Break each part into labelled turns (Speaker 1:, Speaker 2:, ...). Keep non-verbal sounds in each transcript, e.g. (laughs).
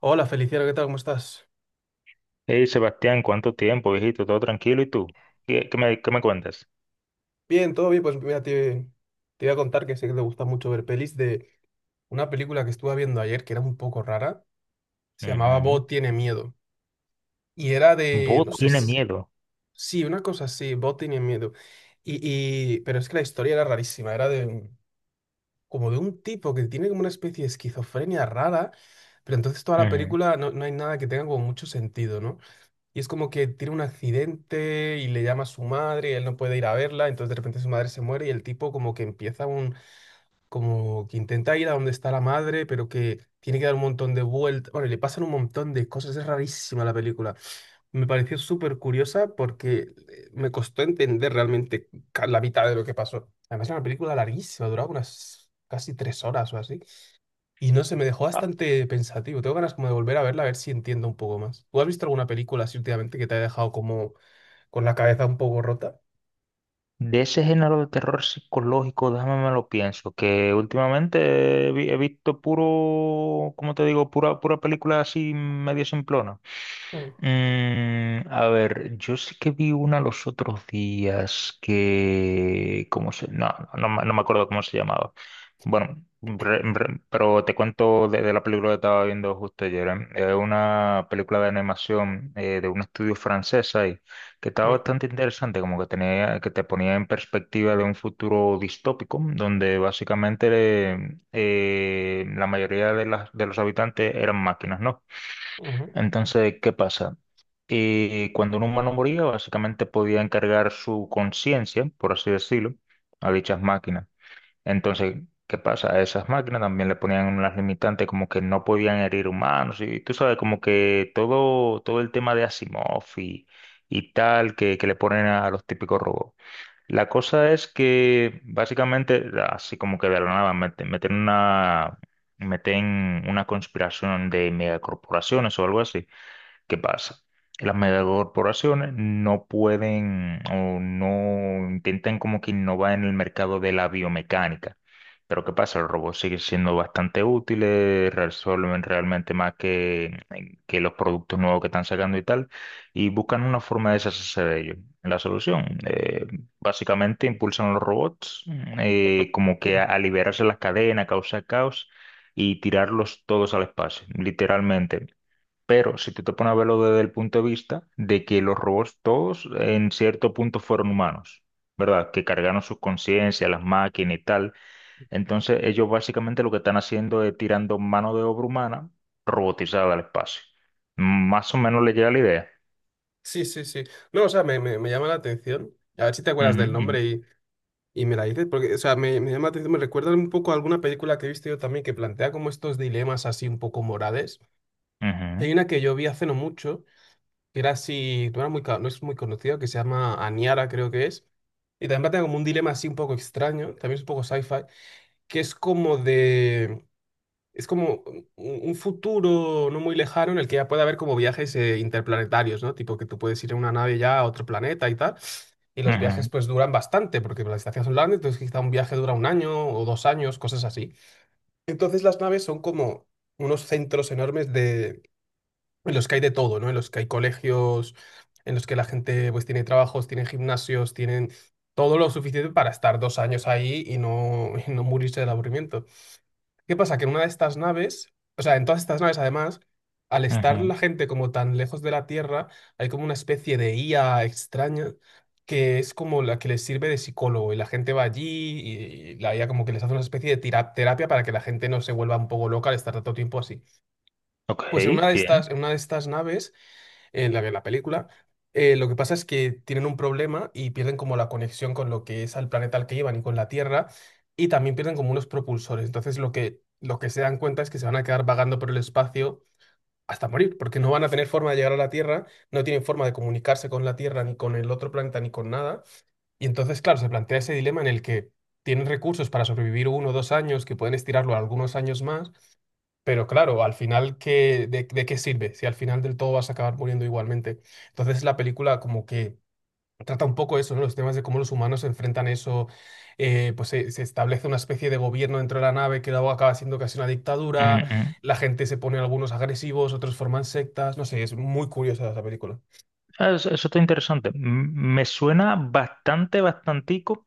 Speaker 1: Hola Feliciano, ¿qué tal? ¿Cómo estás?
Speaker 2: Hey Sebastián, ¿cuánto tiempo, viejito? ¿Todo tranquilo? ¿Y tú? ¿Qué me cuentas?
Speaker 1: Bien, todo bien. Pues mira, te voy a contar que sé que te gusta mucho ver pelis de una película que estuve viendo ayer que era un poco rara. Se llamaba
Speaker 2: Ujú.
Speaker 1: Bo tiene miedo. Y era de,
Speaker 2: Bo
Speaker 1: no sé,
Speaker 2: tiene miedo.
Speaker 1: sí, una cosa así, Bo tiene miedo. Pero es que la historia era rarísima. Como de un tipo que tiene como una especie de esquizofrenia rara, pero entonces toda la
Speaker 2: Ujú.
Speaker 1: película no, no hay nada que tenga como mucho sentido, ¿no? Y es como que tiene un accidente y le llama a su madre y él no puede ir a verla, entonces de repente su madre se muere y el tipo como que como que intenta ir a donde está la madre, pero que tiene que dar un montón de vueltas. Bueno, y le pasan un montón de cosas, es rarísima la película. Me pareció súper curiosa porque me costó entender realmente la mitad de lo que pasó. Además, era una película larguísima, duraba unas casi tres horas o así. Y no sé, me dejó bastante pensativo. Tengo ganas como de volver a verla, a ver si entiendo un poco más. ¿Tú has visto alguna película así últimamente que te haya dejado como con la cabeza un poco rota?
Speaker 2: De ese género de terror psicológico, déjame me lo pienso, que últimamente he visto puro, ¿cómo te digo? Pura película así medio simplona.
Speaker 1: Mm,
Speaker 2: A ver, yo sí que vi una los otros días que, ¿cómo se? No, me acuerdo cómo se llamaba. Bueno, pero te cuento de la película que estaba viendo justo ayer. ¿Eh? Es una película de animación de un estudio francés ahí que estaba
Speaker 1: mm,
Speaker 2: bastante interesante, como que tenía, que te ponía en perspectiva de un futuro distópico, donde básicamente la mayoría de las, de los habitantes eran máquinas, ¿no?
Speaker 1: ujú.
Speaker 2: Entonces, ¿qué pasa? Y cuando un humano moría, básicamente podía encargar su conciencia, por así decirlo, a dichas máquinas. Entonces, ¿qué pasa? A esas máquinas también le ponían unas limitantes como que no podían herir humanos y tú sabes, como que todo, todo el tema de Asimov y tal que le ponen a los típicos robots. La cosa es que básicamente, así como que de la nada, meten una conspiración de megacorporaciones o algo así. ¿Qué pasa? Las megacorporaciones no pueden o no intentan como que innovar en el mercado de la biomecánica. Pero ¿qué pasa? Los robots siguen siendo bastante útiles, resuelven realmente más que los productos nuevos que están sacando y tal, y buscan una forma de deshacerse de ellos. La solución, básicamente impulsan a los robots como que a liberarse las cadenas, causar caos y tirarlos todos al espacio, literalmente. Pero si tú te pones a verlo desde el punto de vista de que los robots todos en cierto punto fueron humanos, ¿verdad? Que cargaron sus conciencias, las máquinas y tal. Entonces ellos básicamente lo que están haciendo es tirando mano de obra humana robotizada al espacio. Más o menos le llega la idea.
Speaker 1: Sí, sí, sí. No, o sea, me llama la atención. A ver si te acuerdas del
Speaker 2: Ujú,
Speaker 1: nombre, y me la dices, porque, o sea, me llama la atención, me recuerda un poco a alguna película que he visto yo también que plantea como estos dilemas así un poco morales.
Speaker 2: ujú,
Speaker 1: Hay
Speaker 2: ujú,
Speaker 1: una que yo vi hace no mucho, era así, no era muy, no es muy conocido, que se llama Aniara, creo que es. Y también plantea como un dilema así un poco extraño, también es un poco sci-fi, que es como de, es como un futuro no muy lejano en el que ya puede haber como viajes interplanetarios, ¿no? Tipo que tú puedes ir en una nave ya a otro planeta y tal, y los viajes
Speaker 2: ujú,
Speaker 1: pues duran bastante, porque las distancias son largas, entonces quizá un viaje dura un año o dos años, cosas así. Entonces las naves son como unos centros enormes en los que hay de todo, ¿no? En los que hay colegios, en los que la gente pues tiene trabajos, tiene gimnasios, tienen todo lo suficiente para estar dos años ahí y no morirse del aburrimiento. ¿Qué pasa? Que en una de estas naves, o sea, en todas estas naves además, al estar
Speaker 2: ujú.
Speaker 1: la gente como tan lejos de la Tierra, hay como una especie de IA extraña que es como la que les sirve de psicólogo y la gente va allí y la IA como que les hace una especie de terapia para que la gente no se vuelva un poco loca al estar tanto tiempo así.
Speaker 2: Ok,
Speaker 1: Pues en una de
Speaker 2: bien.
Speaker 1: estas, en una de estas naves en la película. Lo que pasa es que tienen un problema y pierden como la conexión con lo que es al planeta al que iban y con la Tierra, y también pierden como unos propulsores. Entonces lo que se dan cuenta es que se van a quedar vagando por el espacio hasta morir, porque no van a tener forma de llegar a la Tierra, no tienen forma de comunicarse con la Tierra, ni con el otro planeta, ni con nada. Y entonces, claro, se plantea ese dilema en el que tienen recursos para sobrevivir uno o dos años, que pueden estirarlo a algunos años más, pero claro, al final, ¿qué, de qué sirve? Si al final del todo vas a acabar muriendo igualmente. Entonces la película como que trata un poco eso, ¿no? Los temas de cómo los humanos se enfrentan eso, pues se establece una especie de gobierno dentro de la nave que luego acaba siendo casi una
Speaker 2: Ujú,
Speaker 1: dictadura,
Speaker 2: ujú.
Speaker 1: la gente se pone algunos agresivos, otros forman sectas, no sé, es muy curiosa esa película.
Speaker 2: Ah, eso está interesante. Me suena bastante, bastantico.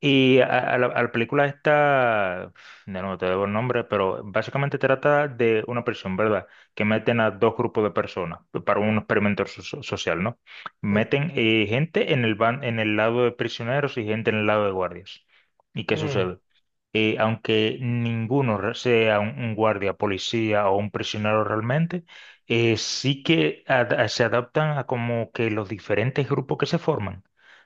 Speaker 2: Y a, a a la película esta, no, no te debo el nombre, pero básicamente trata de una prisión, ¿verdad? Que meten a dos grupos de personas para un experimento social, ¿no?
Speaker 1: Mm,
Speaker 2: Meten gente en en el lado de prisioneros y gente en el lado de guardias. ¿Y qué
Speaker 1: mm,
Speaker 2: sucede? Aunque ninguno sea un guardia, policía o un prisionero realmente, sí que se adaptan a como que los diferentes grupos que se forman.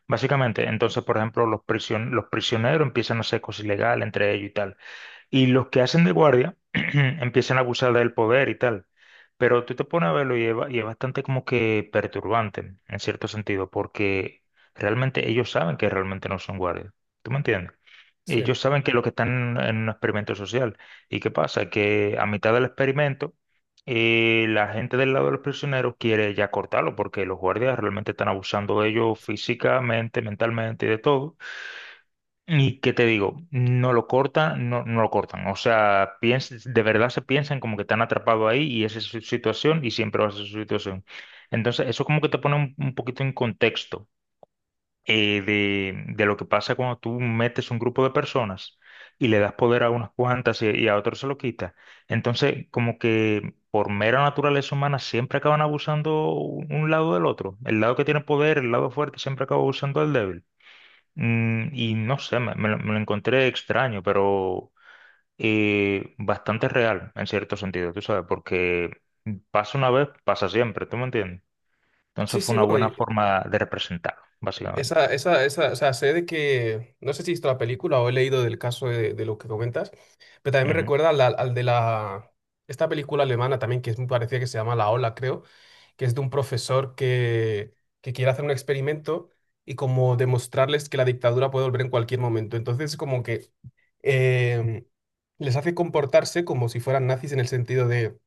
Speaker 2: Básicamente, entonces, por ejemplo, los prisioneros empiezan a hacer cosas ilegales entre ellos y tal. Y los que hacen de guardia (clears throat) empiezan a abusar del poder y tal. Pero tú te pones a verlo y y es bastante como que perturbante, en cierto sentido, porque realmente ellos saben que realmente no son guardias. ¿Tú me entiendes?
Speaker 1: sí.
Speaker 2: Ellos saben que lo que están en un experimento social. ¿Y qué pasa? Que a mitad del experimento, la gente del lado de los prisioneros quiere ya cortarlo, porque los guardias realmente están abusando de ellos físicamente, mentalmente y de todo. Y qué te digo, no lo cortan, no, no lo cortan. O sea, de verdad se piensan como que te han atrapado ahí y esa es su situación y siempre va a ser su situación. Entonces, eso como que te pone un poquito en contexto, de lo que pasa cuando tú metes un grupo de personas y le das poder a unas cuantas y a otros se lo quita. Entonces, como que por mera naturaleza humana siempre acaban abusando un lado del otro. El lado que tiene poder, el lado fuerte, siempre acaba abusando del débil. Y no sé, me lo encontré extraño, pero bastante real en cierto sentido, tú sabes, porque pasa una vez, pasa siempre, ¿tú me entiendes?
Speaker 1: Sí,
Speaker 2: Entonces fue
Speaker 1: sí,
Speaker 2: una
Speaker 1: no.
Speaker 2: buena forma de representarlo, básicamente.
Speaker 1: Esa, o sea, sé de que, no sé si he visto la película o he leído del caso de lo que comentas, pero también me
Speaker 2: Ujú,
Speaker 1: recuerda al, al de la, esta película alemana también, que es, me parecía que se llama La Ola, creo, que es de un profesor que quiere hacer un experimento y como demostrarles que la dictadura puede volver en cualquier momento. Entonces, como que em, les hace comportarse como si fueran nazis en el sentido de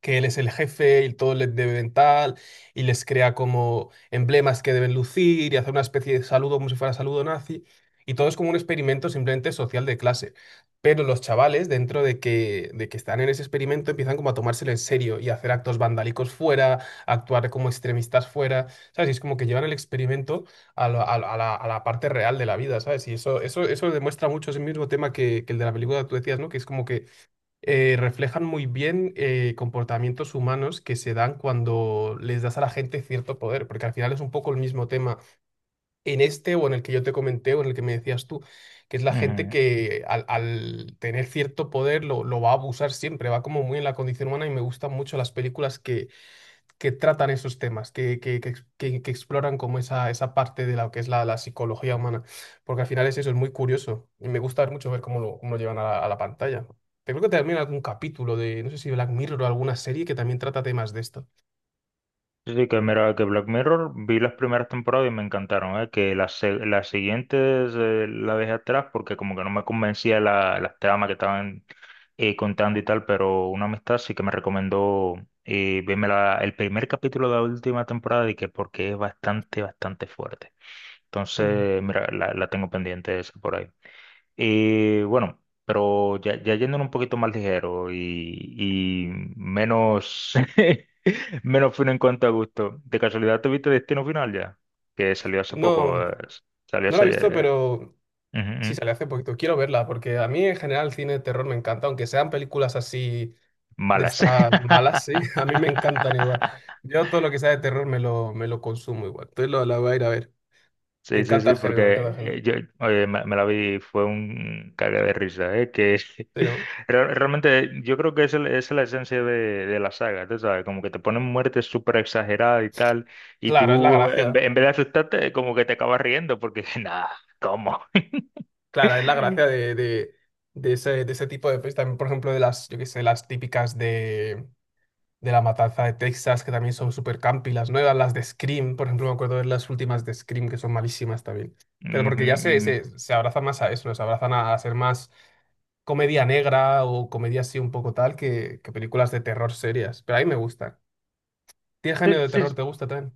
Speaker 1: que él es el jefe y todo les debe tal, y les crea como emblemas que deben lucir y hacer una especie de saludo como si fuera saludo nazi, y todo es como un experimento simplemente social de clase. Pero los chavales, dentro de que están en ese experimento, empiezan como a tomárselo en serio y a hacer actos vandálicos fuera, a actuar como extremistas fuera, ¿sabes? Y es como que llevan el experimento a la, a la parte real de la vida, ¿sabes? Y eso demuestra mucho ese mismo tema que el de la película que tú decías, ¿no? Que es como que reflejan muy bien comportamientos humanos que se dan cuando les das a la gente cierto poder, porque al final es un poco el mismo tema en este o en el que yo te comenté o en el que me decías tú, que es la gente
Speaker 2: ujú.
Speaker 1: que al, al tener cierto poder lo va a abusar siempre, va como muy en la condición humana y me gustan mucho las películas que tratan esos temas, que, que que exploran como esa parte de lo que es la, la psicología humana. Porque al final es eso, es muy curioso. Y me gusta mucho ver cómo lo llevan a la pantalla. Te creo que también algún capítulo de, no sé si Black Mirror o alguna serie que también trata temas de esto.
Speaker 2: Sí, sí, que mira, que Black Mirror vi las primeras temporadas y me encantaron, ¿eh? Que las siguientes la dejé atrás porque como que no me convencía las tramas que estaban contando y tal, pero una amistad sí que me recomendó verme el primer capítulo de la última temporada y que porque es bastante, bastante fuerte.
Speaker 1: Mm.
Speaker 2: Entonces, mira, la tengo pendiente esa por ahí. Y bueno, pero ya, ya yéndonos un poquito más ligero y menos... (laughs) Menos fino en cuanto a gusto. ¿De casualidad tuviste Destino Final ya? Que salió hace
Speaker 1: No,
Speaker 2: poco. Salió
Speaker 1: no la
Speaker 2: hace
Speaker 1: he visto,
Speaker 2: ayer.
Speaker 1: pero
Speaker 2: Ujú,
Speaker 1: sí
Speaker 2: ujú.
Speaker 1: sale hace poquito. Quiero verla, porque a mí en general el cine de terror me encanta, aunque sean películas así de
Speaker 2: Malas.
Speaker 1: estas
Speaker 2: (laughs)
Speaker 1: malas, sí, (laughs) a mí me encantan igual. Yo todo lo que sea de terror me lo consumo igual. Entonces lo, la voy a ir a ver. Me
Speaker 2: Sí, sí,
Speaker 1: encanta el
Speaker 2: sí,
Speaker 1: género, me encanta el
Speaker 2: porque
Speaker 1: género.
Speaker 2: yo oye, me la vi, fue un cague de risa, ¿eh? Que
Speaker 1: Sí,
Speaker 2: (laughs)
Speaker 1: ¿no?
Speaker 2: realmente yo creo que es la esencia de la saga, tú sabes, como que te ponen muertes súper exageradas y tal, y
Speaker 1: Claro, es la
Speaker 2: tú en,
Speaker 1: gracia.
Speaker 2: ve- en vez de asustarte, como que te acabas riendo, porque (laughs) nada, ¿cómo? (laughs)
Speaker 1: Claro, es la
Speaker 2: Ujú,
Speaker 1: gracia de ese tipo de pelis. También, por ejemplo, de las, yo qué sé, las típicas de La Matanza de Texas, que también son super campi. Las nuevas, las de Scream, por ejemplo, me acuerdo de las últimas de Scream, que son malísimas también. Pero porque ya se,
Speaker 2: ujú.
Speaker 1: se, se abrazan más a eso, ¿no? Se abrazan a ser más comedia negra o comedia así un poco tal que películas de terror serias. Pero a mí me gustan. ¿Qué
Speaker 2: Sí,
Speaker 1: género de
Speaker 2: sí,
Speaker 1: terror te gusta también?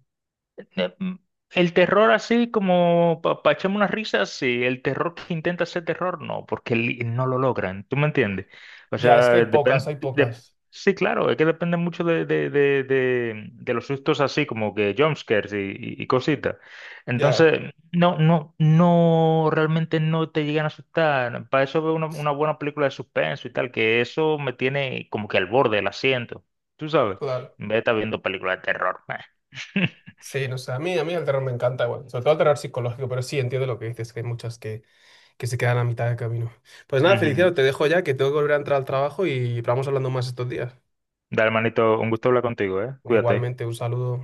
Speaker 2: eh, mm, el terror así como para echarme una risa, sí. El terror que intenta ser terror, no, porque no lo logran. ¿Tú me entiendes? O
Speaker 1: Ya, es que hay
Speaker 2: sea,
Speaker 1: pocas,
Speaker 2: depende...
Speaker 1: hay pocas.
Speaker 2: Sí, claro, es que depende mucho de los sustos así como que jumpscares y cositas.
Speaker 1: Ya,
Speaker 2: Entonces, no, no, no, realmente no te llegan a asustar. Para eso veo una buena película de suspenso y tal, que eso me tiene como que al borde del asiento. Tú sabes,
Speaker 1: claro.
Speaker 2: en vez de estar viendo películas de terror. (laughs)
Speaker 1: Sí, no sé, a mí el terror me encanta, bueno, sobre todo el terror psicológico, pero sí entiendo lo que dices, que hay muchas que se quedan a mitad de camino. Pues nada, Feliciano,
Speaker 2: Ujú.
Speaker 1: te dejo ya, que tengo que volver a entrar al trabajo y vamos hablando más estos días.
Speaker 2: Dale, manito, un gusto hablar contigo, ¿eh? Cuídate.
Speaker 1: Igualmente, un saludo.